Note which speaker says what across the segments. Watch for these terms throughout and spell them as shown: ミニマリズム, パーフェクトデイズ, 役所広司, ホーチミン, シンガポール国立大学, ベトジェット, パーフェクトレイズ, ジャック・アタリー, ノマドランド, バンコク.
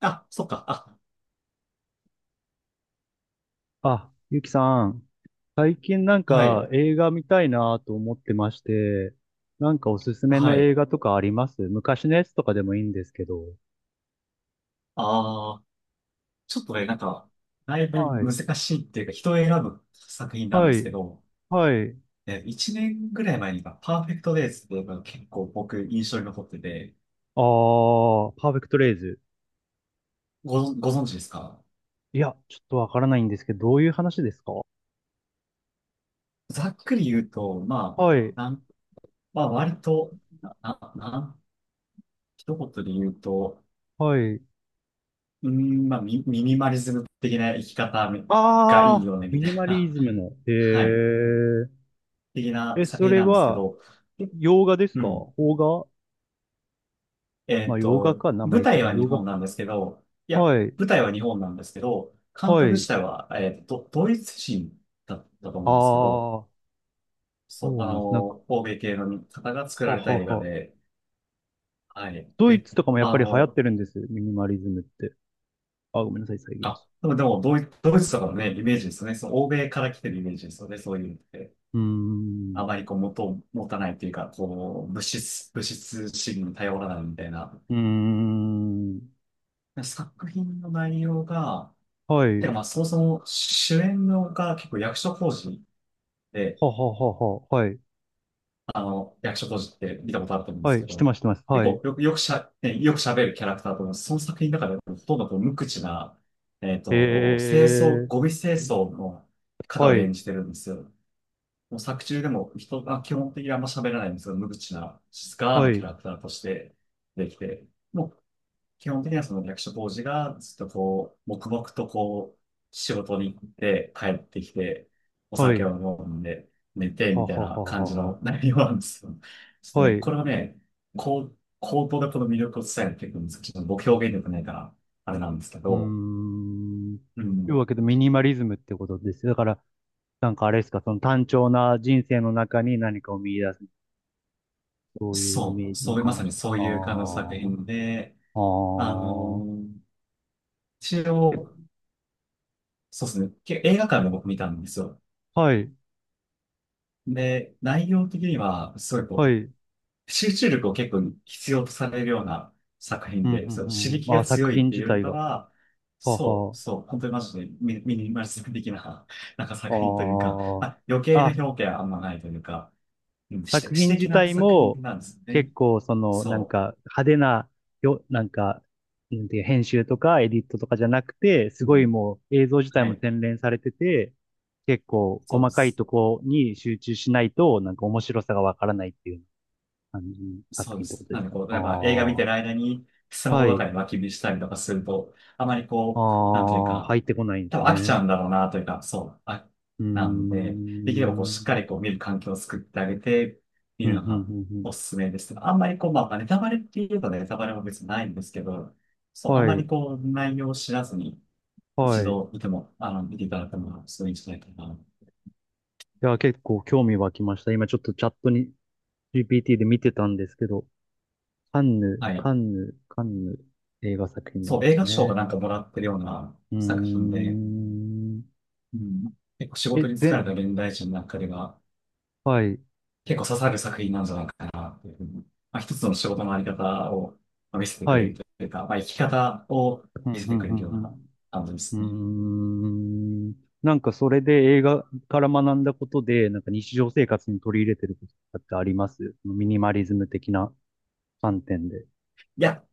Speaker 1: あ、そっか。あ、
Speaker 2: あ、ゆきさん、最近なん
Speaker 1: は
Speaker 2: か
Speaker 1: い。
Speaker 2: 映画見たいなと思ってまして、なんかおすすめ
Speaker 1: は
Speaker 2: の
Speaker 1: い。
Speaker 2: 映画とかあります？昔のやつとかでもいいんですけど。
Speaker 1: ああ、ちょっとね、だいぶ
Speaker 2: はい。
Speaker 1: 難しいっていうか、人を選ぶ作品なん
Speaker 2: は
Speaker 1: ですけ
Speaker 2: い。
Speaker 1: ど、
Speaker 2: はい。
Speaker 1: 1年ぐらい前にか、パーフェクトデイズっていうのが結構僕印象に残ってて、
Speaker 2: あー、パーフェクトレイズ。
Speaker 1: ご存知ですか？
Speaker 2: いや、ちょっとわからないんですけど、どういう話ですか？
Speaker 1: ざっくり言うと、
Speaker 2: はい。
Speaker 1: あ、なん、まあ割と、な、な、なん一言で言うと、
Speaker 2: はい。
Speaker 1: まあミニマリズム的な生き方がいい
Speaker 2: あ
Speaker 1: よ
Speaker 2: ー、
Speaker 1: ね、み
Speaker 2: ミ
Speaker 1: たい
Speaker 2: ニマリ
Speaker 1: な、
Speaker 2: ズムの。へ
Speaker 1: はい、
Speaker 2: ー。
Speaker 1: 的な
Speaker 2: え、
Speaker 1: 作
Speaker 2: そ
Speaker 1: 品
Speaker 2: れ
Speaker 1: なんですけ
Speaker 2: は、
Speaker 1: ど。
Speaker 2: 洋画です
Speaker 1: う
Speaker 2: か？
Speaker 1: ん。
Speaker 2: 邦画？まあ、洋画か、名
Speaker 1: 舞
Speaker 2: 前
Speaker 1: 台
Speaker 2: 的に。
Speaker 1: は日
Speaker 2: 洋画。
Speaker 1: 本なんですけど、いや、
Speaker 2: はい。
Speaker 1: 舞台は日本なんですけど、監
Speaker 2: は
Speaker 1: 督自
Speaker 2: い。
Speaker 1: 体は、ドイツ人だったと
Speaker 2: あ
Speaker 1: 思うんですけど、
Speaker 2: ー。
Speaker 1: そう、
Speaker 2: そうなんです。なんか、
Speaker 1: 欧米系の方が作ら
Speaker 2: は
Speaker 1: れた
Speaker 2: は
Speaker 1: 映画
Speaker 2: は。
Speaker 1: で、はい。
Speaker 2: ドイ
Speaker 1: で、
Speaker 2: ツとかもやっ
Speaker 1: あ
Speaker 2: ぱり流行っ
Speaker 1: の、
Speaker 2: てるんですよ。ミニマリズムって。あ、ごめんなさい、遮一。
Speaker 1: でも、ドイツとかのね、イメージですよね。その欧米から来てるイメージですよね。そういうのって。
Speaker 2: うー
Speaker 1: あ
Speaker 2: ん。
Speaker 1: まりこう、元を持たないというか、こう、物質主義に頼らないみたいな。
Speaker 2: うーん。
Speaker 1: 作品の内容が、
Speaker 2: は
Speaker 1: で
Speaker 2: い。
Speaker 1: もまあ、そもそも主演のが結構役所広司で、
Speaker 2: はははは。はい。
Speaker 1: 役所広司って見たことあると思うんで
Speaker 2: は
Speaker 1: すけ
Speaker 2: い。し
Speaker 1: ど、
Speaker 2: てます、してます。
Speaker 1: 結
Speaker 2: はい。
Speaker 1: 構よく、よくしゃ、ね、よく喋るキャラクターと思います。その作品の中でほとんどこう無口な、
Speaker 2: へ
Speaker 1: ゴ
Speaker 2: え。
Speaker 1: ミ清掃の方
Speaker 2: は
Speaker 1: を
Speaker 2: い。
Speaker 1: 演じてるんですよ。もう作中でも人が基本的にあんま喋らないんですけど、無口な、静か
Speaker 2: は
Speaker 1: なキャ
Speaker 2: い。
Speaker 1: ラクターとしてできて、もう基本的にはその役所当時がずっとこう、黙々とこう、仕事に行って帰ってきて、お
Speaker 2: は
Speaker 1: 酒を
Speaker 2: い。
Speaker 1: 飲んで寝て
Speaker 2: は
Speaker 1: みたい
Speaker 2: は
Speaker 1: な
Speaker 2: は
Speaker 1: 感じ
Speaker 2: はは。
Speaker 1: の内容なんですよ。ちょっと
Speaker 2: は
Speaker 1: ね、
Speaker 2: い。
Speaker 1: こ
Speaker 2: う
Speaker 1: れはね、こう、口頭でこの魅力を伝えていくんですけど、ちょっと僕表現力ないから、あれなんですけ
Speaker 2: ー
Speaker 1: ど、
Speaker 2: ん。
Speaker 1: う
Speaker 2: という
Speaker 1: ん。
Speaker 2: わけでミニマリズムってことですよ。だから、なんかあれですか、その単調な人生の中に何かを見出す。そういうイメ
Speaker 1: そう、
Speaker 2: ージ
Speaker 1: そ
Speaker 2: の
Speaker 1: ういう、まさ
Speaker 2: 話
Speaker 1: に
Speaker 2: です。
Speaker 1: そう
Speaker 2: ああ。
Speaker 1: いう感じの作品で、
Speaker 2: ああ、
Speaker 1: あのー一応、そうですね、映画館で僕見たんですよ。
Speaker 2: はい、
Speaker 1: で、内容的には、すごい
Speaker 2: は
Speaker 1: こ
Speaker 2: い。うん、
Speaker 1: う、集中力を結構必要とされるような作
Speaker 2: う
Speaker 1: 品
Speaker 2: ん、
Speaker 1: で、そう、刺
Speaker 2: う
Speaker 1: 激
Speaker 2: ん。
Speaker 1: が
Speaker 2: あ、
Speaker 1: 強
Speaker 2: 作
Speaker 1: い
Speaker 2: 品
Speaker 1: ってい
Speaker 2: 自
Speaker 1: うより
Speaker 2: 体
Speaker 1: か
Speaker 2: が。
Speaker 1: は、
Speaker 2: は
Speaker 1: そう、
Speaker 2: は。
Speaker 1: そう、本当にマジでミニマリスト的な、なんか作品というか、まあ、余
Speaker 2: あ
Speaker 1: 計
Speaker 2: あ。
Speaker 1: な
Speaker 2: あ、
Speaker 1: 表現はあんまないというか、うん、詩
Speaker 2: 作
Speaker 1: 詩
Speaker 2: 品自
Speaker 1: 的な
Speaker 2: 体
Speaker 1: 作品
Speaker 2: も、
Speaker 1: なんですよね。
Speaker 2: 結構、その、なん
Speaker 1: そ
Speaker 2: か、派手な、よ、なんか、なんていう、編集とか、エディットとかじゃなくて、す
Speaker 1: う、う
Speaker 2: ごい
Speaker 1: ん、
Speaker 2: もう、映像自体
Speaker 1: は
Speaker 2: も
Speaker 1: い、
Speaker 2: 洗練されてて、結構、
Speaker 1: そう
Speaker 2: 細
Speaker 1: で
Speaker 2: かい
Speaker 1: す。
Speaker 2: とこに集中しないと、なんか面白さがわからないっていう感じの作
Speaker 1: そうで
Speaker 2: 品ってこ
Speaker 1: す。
Speaker 2: とで
Speaker 1: な
Speaker 2: す
Speaker 1: んで
Speaker 2: かね。
Speaker 1: こう、
Speaker 2: あ
Speaker 1: やっぱ映画見てる
Speaker 2: あ。
Speaker 1: 間にスマホ
Speaker 2: は
Speaker 1: とか
Speaker 2: い。
Speaker 1: に脇見したりとかすると、あまり
Speaker 2: あ
Speaker 1: こう、なんという
Speaker 2: あ、
Speaker 1: か、
Speaker 2: 入ってこないんで
Speaker 1: 多
Speaker 2: す
Speaker 1: 分飽きちゃ
Speaker 2: ね。
Speaker 1: うんだろうなというか、そう、あ、
Speaker 2: うー
Speaker 1: なんで、できればこう、しっかり
Speaker 2: ん。
Speaker 1: こう見る環境を作ってあげて、見
Speaker 2: う
Speaker 1: る
Speaker 2: ん、う
Speaker 1: の
Speaker 2: ん、う
Speaker 1: が
Speaker 2: ん、うん。
Speaker 1: おすすめですけど、あんまりこう、まあ、ネタバレって言えばネタバレも別にないんですけど、そう、あん
Speaker 2: は
Speaker 1: まり
Speaker 2: い、
Speaker 1: こう、内容を知らずに、一
Speaker 2: はい。い
Speaker 1: 度見ても、見ていただくのがすごいいいんじゃないかな。
Speaker 2: や、結構興味湧きました。今ちょっとチャットに GPT で見てたんですけど、カンヌ、
Speaker 1: はい。
Speaker 2: カンヌ、カンヌ映画作品な
Speaker 1: そ
Speaker 2: ん
Speaker 1: う、
Speaker 2: で
Speaker 1: 映
Speaker 2: す
Speaker 1: 画賞が
Speaker 2: ね。
Speaker 1: なんかもらってるような
Speaker 2: うー
Speaker 1: 作品で、
Speaker 2: ん。
Speaker 1: うん、結構仕
Speaker 2: え、
Speaker 1: 事に疲
Speaker 2: ぜ、
Speaker 1: れた現代人の中では、
Speaker 2: はい、
Speaker 1: 結構刺さる作品なんじゃないかなっていうふうに、まあ、一つの仕事のあり方をまあ見せてく
Speaker 2: は
Speaker 1: れる
Speaker 2: い。
Speaker 1: というか、まあ、生き方を
Speaker 2: う
Speaker 1: 見
Speaker 2: ん、
Speaker 1: せ
Speaker 2: う
Speaker 1: て
Speaker 2: ん、
Speaker 1: く
Speaker 2: う
Speaker 1: れるよう
Speaker 2: ん、
Speaker 1: な感じで
Speaker 2: う
Speaker 1: すね。
Speaker 2: ん。うーん。なんかそれで映画から学んだことで、なんか日常生活に取り入れてることってあります？ミニマリズム的な観点で。
Speaker 1: いや、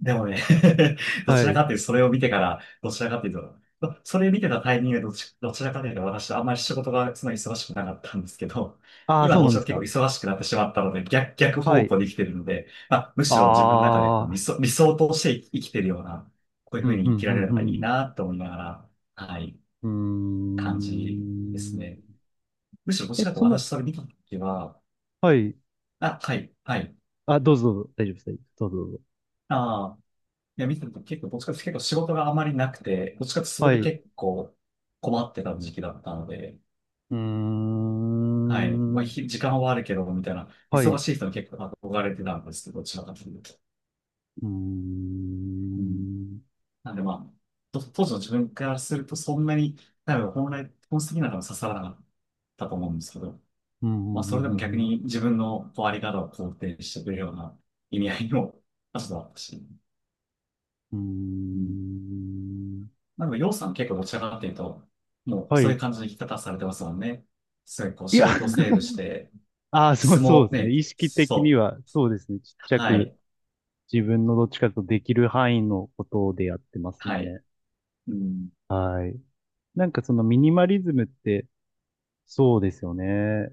Speaker 1: でもね、 ど
Speaker 2: は
Speaker 1: ちら
Speaker 2: い。
Speaker 1: かというと、それを見てから、どちらかというと、それ見てたタイミングでどちらかというと、私、あんまり仕事がそんな忙しくなかったんですけど、
Speaker 2: ああ、
Speaker 1: 今、
Speaker 2: そう
Speaker 1: ど
Speaker 2: な
Speaker 1: ち
Speaker 2: んで
Speaker 1: ら
Speaker 2: す
Speaker 1: かというと
Speaker 2: か。
Speaker 1: 結構忙しくなってしまったので、逆
Speaker 2: は
Speaker 1: 方
Speaker 2: い。
Speaker 1: 向で生きてるので、まあ、むしろ自分の中でこう
Speaker 2: ああ、
Speaker 1: 理想として生きてるような、こういう
Speaker 2: う
Speaker 1: ふう
Speaker 2: ん、う
Speaker 1: に生
Speaker 2: ん、
Speaker 1: きられるの
Speaker 2: う
Speaker 1: がいい
Speaker 2: ん、
Speaker 1: なと思いながら、はい、
Speaker 2: うん。うー
Speaker 1: 感じです
Speaker 2: ん。
Speaker 1: ね。むしろ、どち
Speaker 2: え、
Speaker 1: らかと
Speaker 2: そ
Speaker 1: いう
Speaker 2: ん
Speaker 1: と
Speaker 2: な、
Speaker 1: 私、それ見たときは、
Speaker 2: はい。
Speaker 1: あ、はい、はい。
Speaker 2: あ、どうぞ、どうぞ。大丈夫です。大丈夫です、どうぞ、どうぞ。
Speaker 1: あ。いや、見てると結構、どっちかっていうと結構仕事があまりなくて、どっちかっていうとそれ
Speaker 2: は
Speaker 1: で
Speaker 2: い。う
Speaker 1: 結構困ってた時期だったので、
Speaker 2: ー
Speaker 1: はい。まあ、
Speaker 2: ん。
Speaker 1: 時間はあるけど、みたいな、
Speaker 2: はい。
Speaker 1: 忙
Speaker 2: う
Speaker 1: しい人に結構憧れてたんですけど、どちらかというと。
Speaker 2: ー
Speaker 1: うん。
Speaker 2: ん。
Speaker 1: なんでまあ、と当時の自分からするとそんなに、多分本質的なのは刺さらなかったと思うんですけど、
Speaker 2: うん、
Speaker 1: まあ、それで
Speaker 2: う
Speaker 1: も逆
Speaker 2: ん、
Speaker 1: に自分のこうあり方を肯定してくれるような意味合いも、まあ、そうだったし。
Speaker 2: うん、うん。
Speaker 1: う
Speaker 2: うん。
Speaker 1: ん、
Speaker 2: うーん。
Speaker 1: まあ、でも、洋さん結構どちらかっていうと、もう
Speaker 2: は
Speaker 1: そういう
Speaker 2: い。
Speaker 1: 感じの生き方されてますもんね。すごいこう
Speaker 2: いや、
Speaker 1: 仕 事をセーブして、
Speaker 2: ああ、そう、
Speaker 1: 相
Speaker 2: そう
Speaker 1: 撲
Speaker 2: ですね。
Speaker 1: ね、
Speaker 2: 意識的に
Speaker 1: そう、
Speaker 2: は、そうですね。ちっちゃ
Speaker 1: は
Speaker 2: く、
Speaker 1: い、
Speaker 2: 自分のどっちかとできる範囲のことでやってます
Speaker 1: はい。
Speaker 2: ね。
Speaker 1: うん、
Speaker 2: はい。なんかそのミニマリズムって、そうですよね。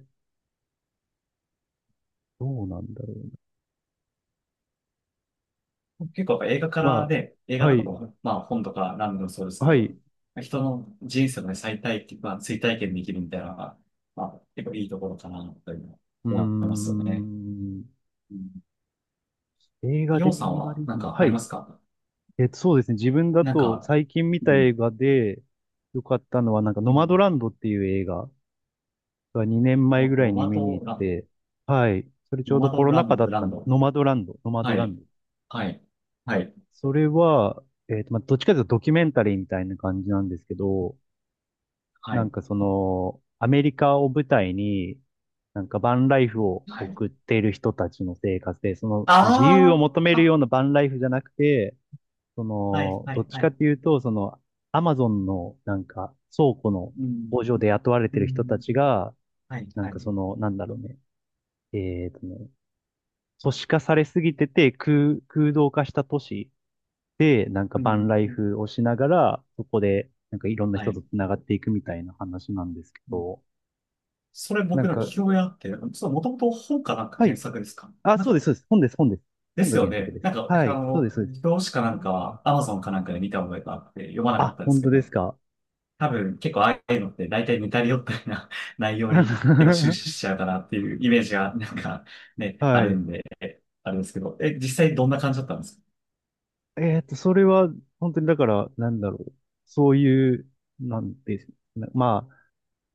Speaker 2: どうなんだろう。
Speaker 1: 結構やっぱ映画から
Speaker 2: ま
Speaker 1: ね、映
Speaker 2: あ、
Speaker 1: 画
Speaker 2: は
Speaker 1: とか
Speaker 2: い、
Speaker 1: も、まあ本とかランでもそうですけ
Speaker 2: は
Speaker 1: ど、
Speaker 2: い。
Speaker 1: 人の人生のね、再体験、まあ追体験できるみたいなのが、まあ結構いいところかな、というの
Speaker 2: うー
Speaker 1: は思いますよね。
Speaker 2: ん。
Speaker 1: うん、
Speaker 2: 映画で
Speaker 1: 洋
Speaker 2: ミ
Speaker 1: さん
Speaker 2: ニマ
Speaker 1: は
Speaker 2: リズ
Speaker 1: なん
Speaker 2: ム。
Speaker 1: か
Speaker 2: は
Speaker 1: ありま
Speaker 2: い。
Speaker 1: すか？
Speaker 2: えっと、そうですね。自分だ
Speaker 1: なん
Speaker 2: と
Speaker 1: か、
Speaker 2: 最近見
Speaker 1: う
Speaker 2: た
Speaker 1: ん、
Speaker 2: 映画で良かったのは、なんか
Speaker 1: う
Speaker 2: ノマド
Speaker 1: ん、
Speaker 2: ランドっていう映画が2年前ぐら
Speaker 1: ノ
Speaker 2: いに
Speaker 1: マ
Speaker 2: 見に
Speaker 1: ド
Speaker 2: 行っ
Speaker 1: ランド、
Speaker 2: て、はい。それち
Speaker 1: ノ
Speaker 2: ょう
Speaker 1: マ
Speaker 2: どコ
Speaker 1: ド
Speaker 2: ロ
Speaker 1: ラ
Speaker 2: ナ禍
Speaker 1: ン
Speaker 2: だ
Speaker 1: ド、
Speaker 2: っ
Speaker 1: ラ
Speaker 2: た
Speaker 1: ン
Speaker 2: ん、
Speaker 1: ド。
Speaker 2: ノマドランド、ノマ
Speaker 1: は
Speaker 2: ドラ
Speaker 1: い。
Speaker 2: ンド。
Speaker 1: はい。はい。
Speaker 2: それは、えっと、まあ、どっちかというとドキュメンタリーみたいな感じなんですけど、
Speaker 1: は
Speaker 2: なん
Speaker 1: い。
Speaker 2: かその、アメリカを舞台に、なんかバンライフを
Speaker 1: はい。
Speaker 2: 送っている人たちの生活で、その自由を
Speaker 1: あ
Speaker 2: 求め
Speaker 1: あ。
Speaker 2: るよ
Speaker 1: あ、
Speaker 2: うなバンライフじゃなくて、そ
Speaker 1: はい。
Speaker 2: の、
Speaker 1: は
Speaker 2: ど
Speaker 1: い。
Speaker 2: っち
Speaker 1: は
Speaker 2: かっ
Speaker 1: い。
Speaker 2: ていうと、その、アマゾンのなんか倉庫の
Speaker 1: うん。
Speaker 2: 工場で雇われ
Speaker 1: う
Speaker 2: てる人た
Speaker 1: ん。
Speaker 2: ちが、
Speaker 1: はい。
Speaker 2: なん
Speaker 1: は
Speaker 2: か
Speaker 1: い。
Speaker 2: その、なんだろうね、えーとね、都市化されすぎてて空、空洞化した都市で、なんか
Speaker 1: う
Speaker 2: バン
Speaker 1: ん。
Speaker 2: ライフをしながら、そこで、なんかいろんな
Speaker 1: は
Speaker 2: 人と
Speaker 1: い。
Speaker 2: 繋がっていくみたいな話なんですけ
Speaker 1: うん、
Speaker 2: ど、
Speaker 1: それ
Speaker 2: なん
Speaker 1: 僕の聞
Speaker 2: か、
Speaker 1: き覚あって、ちょっともともと本かなんか
Speaker 2: は
Speaker 1: 原
Speaker 2: い。
Speaker 1: 作ですか？
Speaker 2: あ、
Speaker 1: なん
Speaker 2: そうです、
Speaker 1: か、
Speaker 2: そうです。本です、本です。
Speaker 1: で
Speaker 2: 本
Speaker 1: す
Speaker 2: が
Speaker 1: よ
Speaker 2: 原作
Speaker 1: ね。
Speaker 2: です。
Speaker 1: なんか、
Speaker 2: はい。そうです、そうです。
Speaker 1: 表紙かなんかは Amazon かなんかで見た覚えがあって読まなか
Speaker 2: あ、
Speaker 1: ったんで
Speaker 2: 本
Speaker 1: すけ
Speaker 2: 当です
Speaker 1: ど、
Speaker 2: か。
Speaker 1: 多分結構ああいうのって大体似たり寄ったりな 内容に結構終始 しちゃうかなっていうイメージがなんかね、あ
Speaker 2: は
Speaker 1: る
Speaker 2: い。
Speaker 1: んで、あれですけど、え、実際どんな感じだったんですか？
Speaker 2: えっと、それは、本当にだから、なんだろう。そういう、なんです。な、まあ、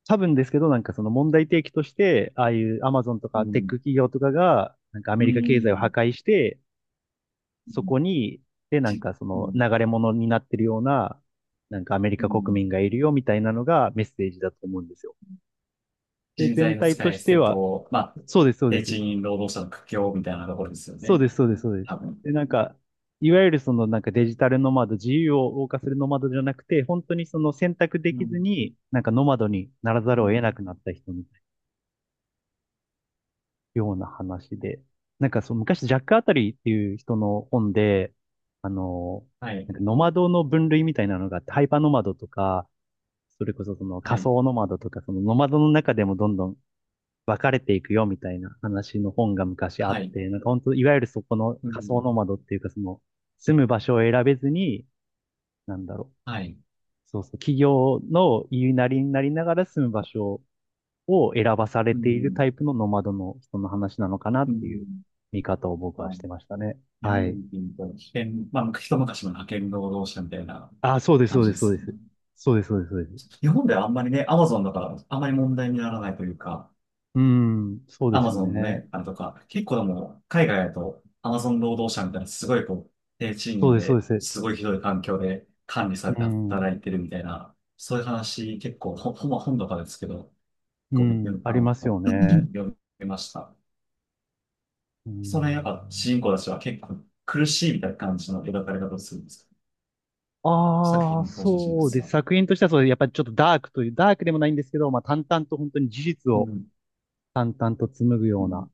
Speaker 2: 多分ですけど、なんかその問題提起として、ああいうアマゾンと
Speaker 1: う
Speaker 2: かテック
Speaker 1: ん。
Speaker 2: 企業とかが、なんかアメ
Speaker 1: う
Speaker 2: リカ経済を破
Speaker 1: ん。
Speaker 2: 壊して、
Speaker 1: う
Speaker 2: そ
Speaker 1: ん。
Speaker 2: こに、で、なん
Speaker 1: じ、
Speaker 2: かそ
Speaker 1: う
Speaker 2: の
Speaker 1: ん。
Speaker 2: 流れ物になってるような、なんかアメリ
Speaker 1: う
Speaker 2: カ国
Speaker 1: ん。
Speaker 2: 民がいるよみたいなのがメッセージだと思うんですよ。で、
Speaker 1: 人材
Speaker 2: 全
Speaker 1: の
Speaker 2: 体
Speaker 1: 使
Speaker 2: と
Speaker 1: い
Speaker 2: して
Speaker 1: 捨て
Speaker 2: は、
Speaker 1: と、まあ、
Speaker 2: そうです、そうで
Speaker 1: 低
Speaker 2: す。
Speaker 1: 賃労働者の苦境みたいなところですよ
Speaker 2: そう
Speaker 1: ね。
Speaker 2: です、そうです、そうです。
Speaker 1: 多分。
Speaker 2: で、なんか、いわゆるそのなんかデジタルノマド、自由を謳歌するノマドじゃなくて、本当にその選択で
Speaker 1: う
Speaker 2: きず
Speaker 1: ん。
Speaker 2: に、なんかノマドにならざ
Speaker 1: う
Speaker 2: るを
Speaker 1: ん。
Speaker 2: 得なくなった人みたいなような話で、なんかその昔ジャック・アタリーっていう人の本で、あの、
Speaker 1: はい。
Speaker 2: なんかノマドの分類みたいなのがあって、ハイパーノマドとか、それこそその
Speaker 1: は
Speaker 2: 仮
Speaker 1: い。
Speaker 2: 想ノマドとか、そのノマドの中でもどんどん別れていくよみたいな話の本が昔あっ
Speaker 1: はい。
Speaker 2: て、なんか本当、いわゆるそこの
Speaker 1: う
Speaker 2: 仮想
Speaker 1: ん。
Speaker 2: ノマドっていうか、その、住む場所を選べずに、なんだろう。
Speaker 1: はい。
Speaker 2: そうそう、企業の言いなりになりながら住む場所を選ばされ
Speaker 1: う
Speaker 2: ている
Speaker 1: ん。
Speaker 2: タイプのノマドの人の話なのかなっ
Speaker 1: う
Speaker 2: ていう
Speaker 1: ん。
Speaker 2: 見方を僕
Speaker 1: あ
Speaker 2: はし
Speaker 1: の、
Speaker 2: てましたね。
Speaker 1: 日
Speaker 2: は
Speaker 1: 本
Speaker 2: い。
Speaker 1: でいうと、派遣、まあ、一昔前の派遣労働者みたいな
Speaker 2: あ、そうです、
Speaker 1: 感
Speaker 2: そう
Speaker 1: じ
Speaker 2: で
Speaker 1: で
Speaker 2: す、そ
Speaker 1: す
Speaker 2: う
Speaker 1: よ
Speaker 2: で
Speaker 1: ね。
Speaker 2: す。そうです、そうです、そうです。
Speaker 1: 日本ではあんまりね、アマゾンだからあんまり問題にならないというか、
Speaker 2: うん、そうで
Speaker 1: ア
Speaker 2: す
Speaker 1: マ
Speaker 2: よ
Speaker 1: ゾンの
Speaker 2: ね。
Speaker 1: ね、あれとか、結構でも、海外だと、アマゾン労働者みたいな、すごいこう、低賃
Speaker 2: そう
Speaker 1: 金
Speaker 2: です、そうで
Speaker 1: で、
Speaker 2: す。
Speaker 1: すごいひどい環境で管理され
Speaker 2: う
Speaker 1: て
Speaker 2: ん、
Speaker 1: 働いてるみたいな、そういう話、結構、ほんま本とかですけど、
Speaker 2: う
Speaker 1: こ
Speaker 2: ん、
Speaker 1: う、
Speaker 2: ありますよ ね。
Speaker 1: 読みました。
Speaker 2: う
Speaker 1: その辺、やっぱ、主
Speaker 2: ん。
Speaker 1: 人公たちは結構苦しいみたいな感じの描かれ方をするんですか？作
Speaker 2: あ
Speaker 1: 品
Speaker 2: あ、
Speaker 1: の登場人
Speaker 2: そう
Speaker 1: 物
Speaker 2: です。
Speaker 1: は。
Speaker 2: 作品としてはそう、やっぱりちょっとダークという、ダークでもないんですけど、まあ淡々と本当に事実
Speaker 1: う
Speaker 2: を
Speaker 1: ん、
Speaker 2: 淡々と紡ぐ
Speaker 1: う
Speaker 2: よう
Speaker 1: ん、
Speaker 2: な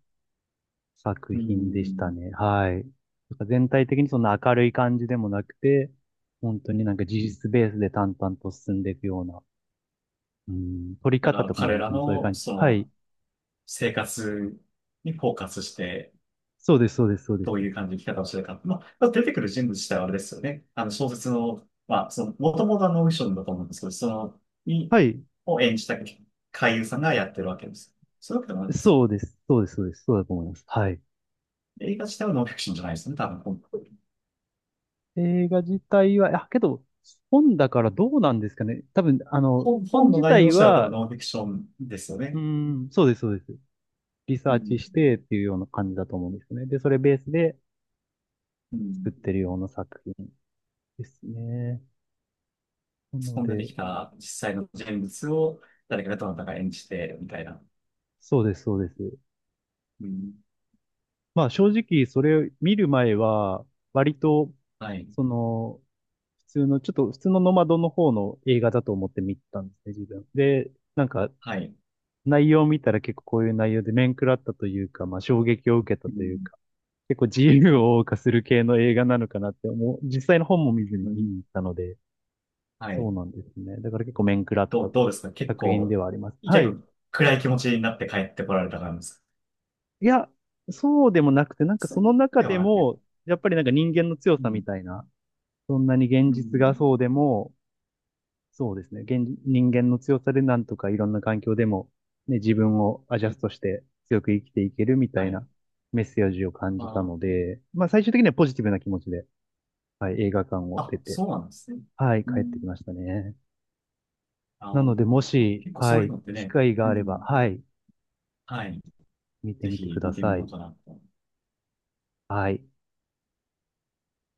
Speaker 2: 作
Speaker 1: う
Speaker 2: 品でした
Speaker 1: ん。
Speaker 2: ね。はい。なんか全体的にそんな明るい感じでもなくて、本当になんか事実ベースで淡々と進んでいくような、うん、撮り
Speaker 1: だか
Speaker 2: 方
Speaker 1: ら、
Speaker 2: とかも
Speaker 1: 彼
Speaker 2: 本
Speaker 1: ら
Speaker 2: 当にそういう
Speaker 1: の、
Speaker 2: 感じ。
Speaker 1: そ
Speaker 2: はい。
Speaker 1: の、生活にフォーカスして、
Speaker 2: そうです、そうです、そうです。
Speaker 1: どういう感じの生き方をしてるか。まあ、出てくる人物自体はあれですよね。小説の、まあ、その、もともとはノンフィクションだと思うんですけど、その、に、
Speaker 2: はい。
Speaker 1: を演じた俳優さんがやってるわけです。そういうわけでもないんですか？
Speaker 2: そうです、そうです、そうです。そうだと思います。はい。
Speaker 1: 映画自体はノンフィクションじゃないですよね、多分。
Speaker 2: 映画自体は、あ、けど、本だからどうなんですかね。多分、あの、本
Speaker 1: 本の
Speaker 2: 自
Speaker 1: 内容
Speaker 2: 体
Speaker 1: 自体は多分
Speaker 2: は、
Speaker 1: ノンフィクションですよ
Speaker 2: う
Speaker 1: ね。
Speaker 2: ん、そうです、そうです。リサ
Speaker 1: う
Speaker 2: ーチし
Speaker 1: ん。
Speaker 2: てっていうような感じだと思うんですね。で、それベースで
Speaker 1: う
Speaker 2: 作
Speaker 1: ん。
Speaker 2: ってるような作品ですね。な
Speaker 1: そ
Speaker 2: の
Speaker 1: こに出て
Speaker 2: で、
Speaker 1: きた実際の人物を誰かがどなたか演じて、みたいな。
Speaker 2: そうです、そうです。
Speaker 1: うん。
Speaker 2: まあ正直それを見る前は、割と、
Speaker 1: はい。
Speaker 2: その、普通の、ちょっと普通のノマドの方の映画だと思って見てたんですね、自分。で、なんか
Speaker 1: はい。
Speaker 2: 内容を見たら結構こういう内容で面食らったというか、まあ衝撃を受けた
Speaker 1: う
Speaker 2: という
Speaker 1: ん。
Speaker 2: か、結構自由を謳歌する系の映画なのかなって思う、実際の本も見ずに
Speaker 1: う
Speaker 2: 見
Speaker 1: ん。
Speaker 2: に行ったので、
Speaker 1: は
Speaker 2: そ
Speaker 1: い。
Speaker 2: うなんですね。だから結構面食らった
Speaker 1: どうですか？結
Speaker 2: 作品で
Speaker 1: 構、
Speaker 2: はあります。は
Speaker 1: 結
Speaker 2: い。
Speaker 1: 構暗い気持ちになって帰ってこられた感じですか？
Speaker 2: いや、そうでもなくて、なんか
Speaker 1: そ
Speaker 2: その
Speaker 1: う
Speaker 2: 中
Speaker 1: では
Speaker 2: で
Speaker 1: なく、
Speaker 2: も、やっぱりなんか人間の強
Speaker 1: う
Speaker 2: さみ
Speaker 1: ん、
Speaker 2: たいな、そんなに現
Speaker 1: う
Speaker 2: 実が
Speaker 1: ん、
Speaker 2: そうでも、そうですね。現、人間の強さでなんとかいろんな環境でも、ね、自分をアジャストして強く生きていけるみた
Speaker 1: は
Speaker 2: い
Speaker 1: い。
Speaker 2: なメッセージを感じた
Speaker 1: あ
Speaker 2: の
Speaker 1: ー、
Speaker 2: で、まあ最終的にはポジティブな気持ちで、はい、映画館を出
Speaker 1: あ、
Speaker 2: て、
Speaker 1: そうなんですね。
Speaker 2: はい、
Speaker 1: う
Speaker 2: 帰ってき
Speaker 1: ん、
Speaker 2: ましたね。
Speaker 1: あ
Speaker 2: なので、
Speaker 1: の、
Speaker 2: も
Speaker 1: あ、
Speaker 2: し、
Speaker 1: 結構そ
Speaker 2: は
Speaker 1: ういう
Speaker 2: い、
Speaker 1: のって
Speaker 2: 機
Speaker 1: ね、
Speaker 2: 会が
Speaker 1: う
Speaker 2: あれば、
Speaker 1: ん、
Speaker 2: はい、
Speaker 1: はい。
Speaker 2: 見て
Speaker 1: ぜ
Speaker 2: みてく
Speaker 1: ひ
Speaker 2: だ
Speaker 1: 見て
Speaker 2: さ
Speaker 1: みよ
Speaker 2: い。
Speaker 1: うかなと。
Speaker 2: はい。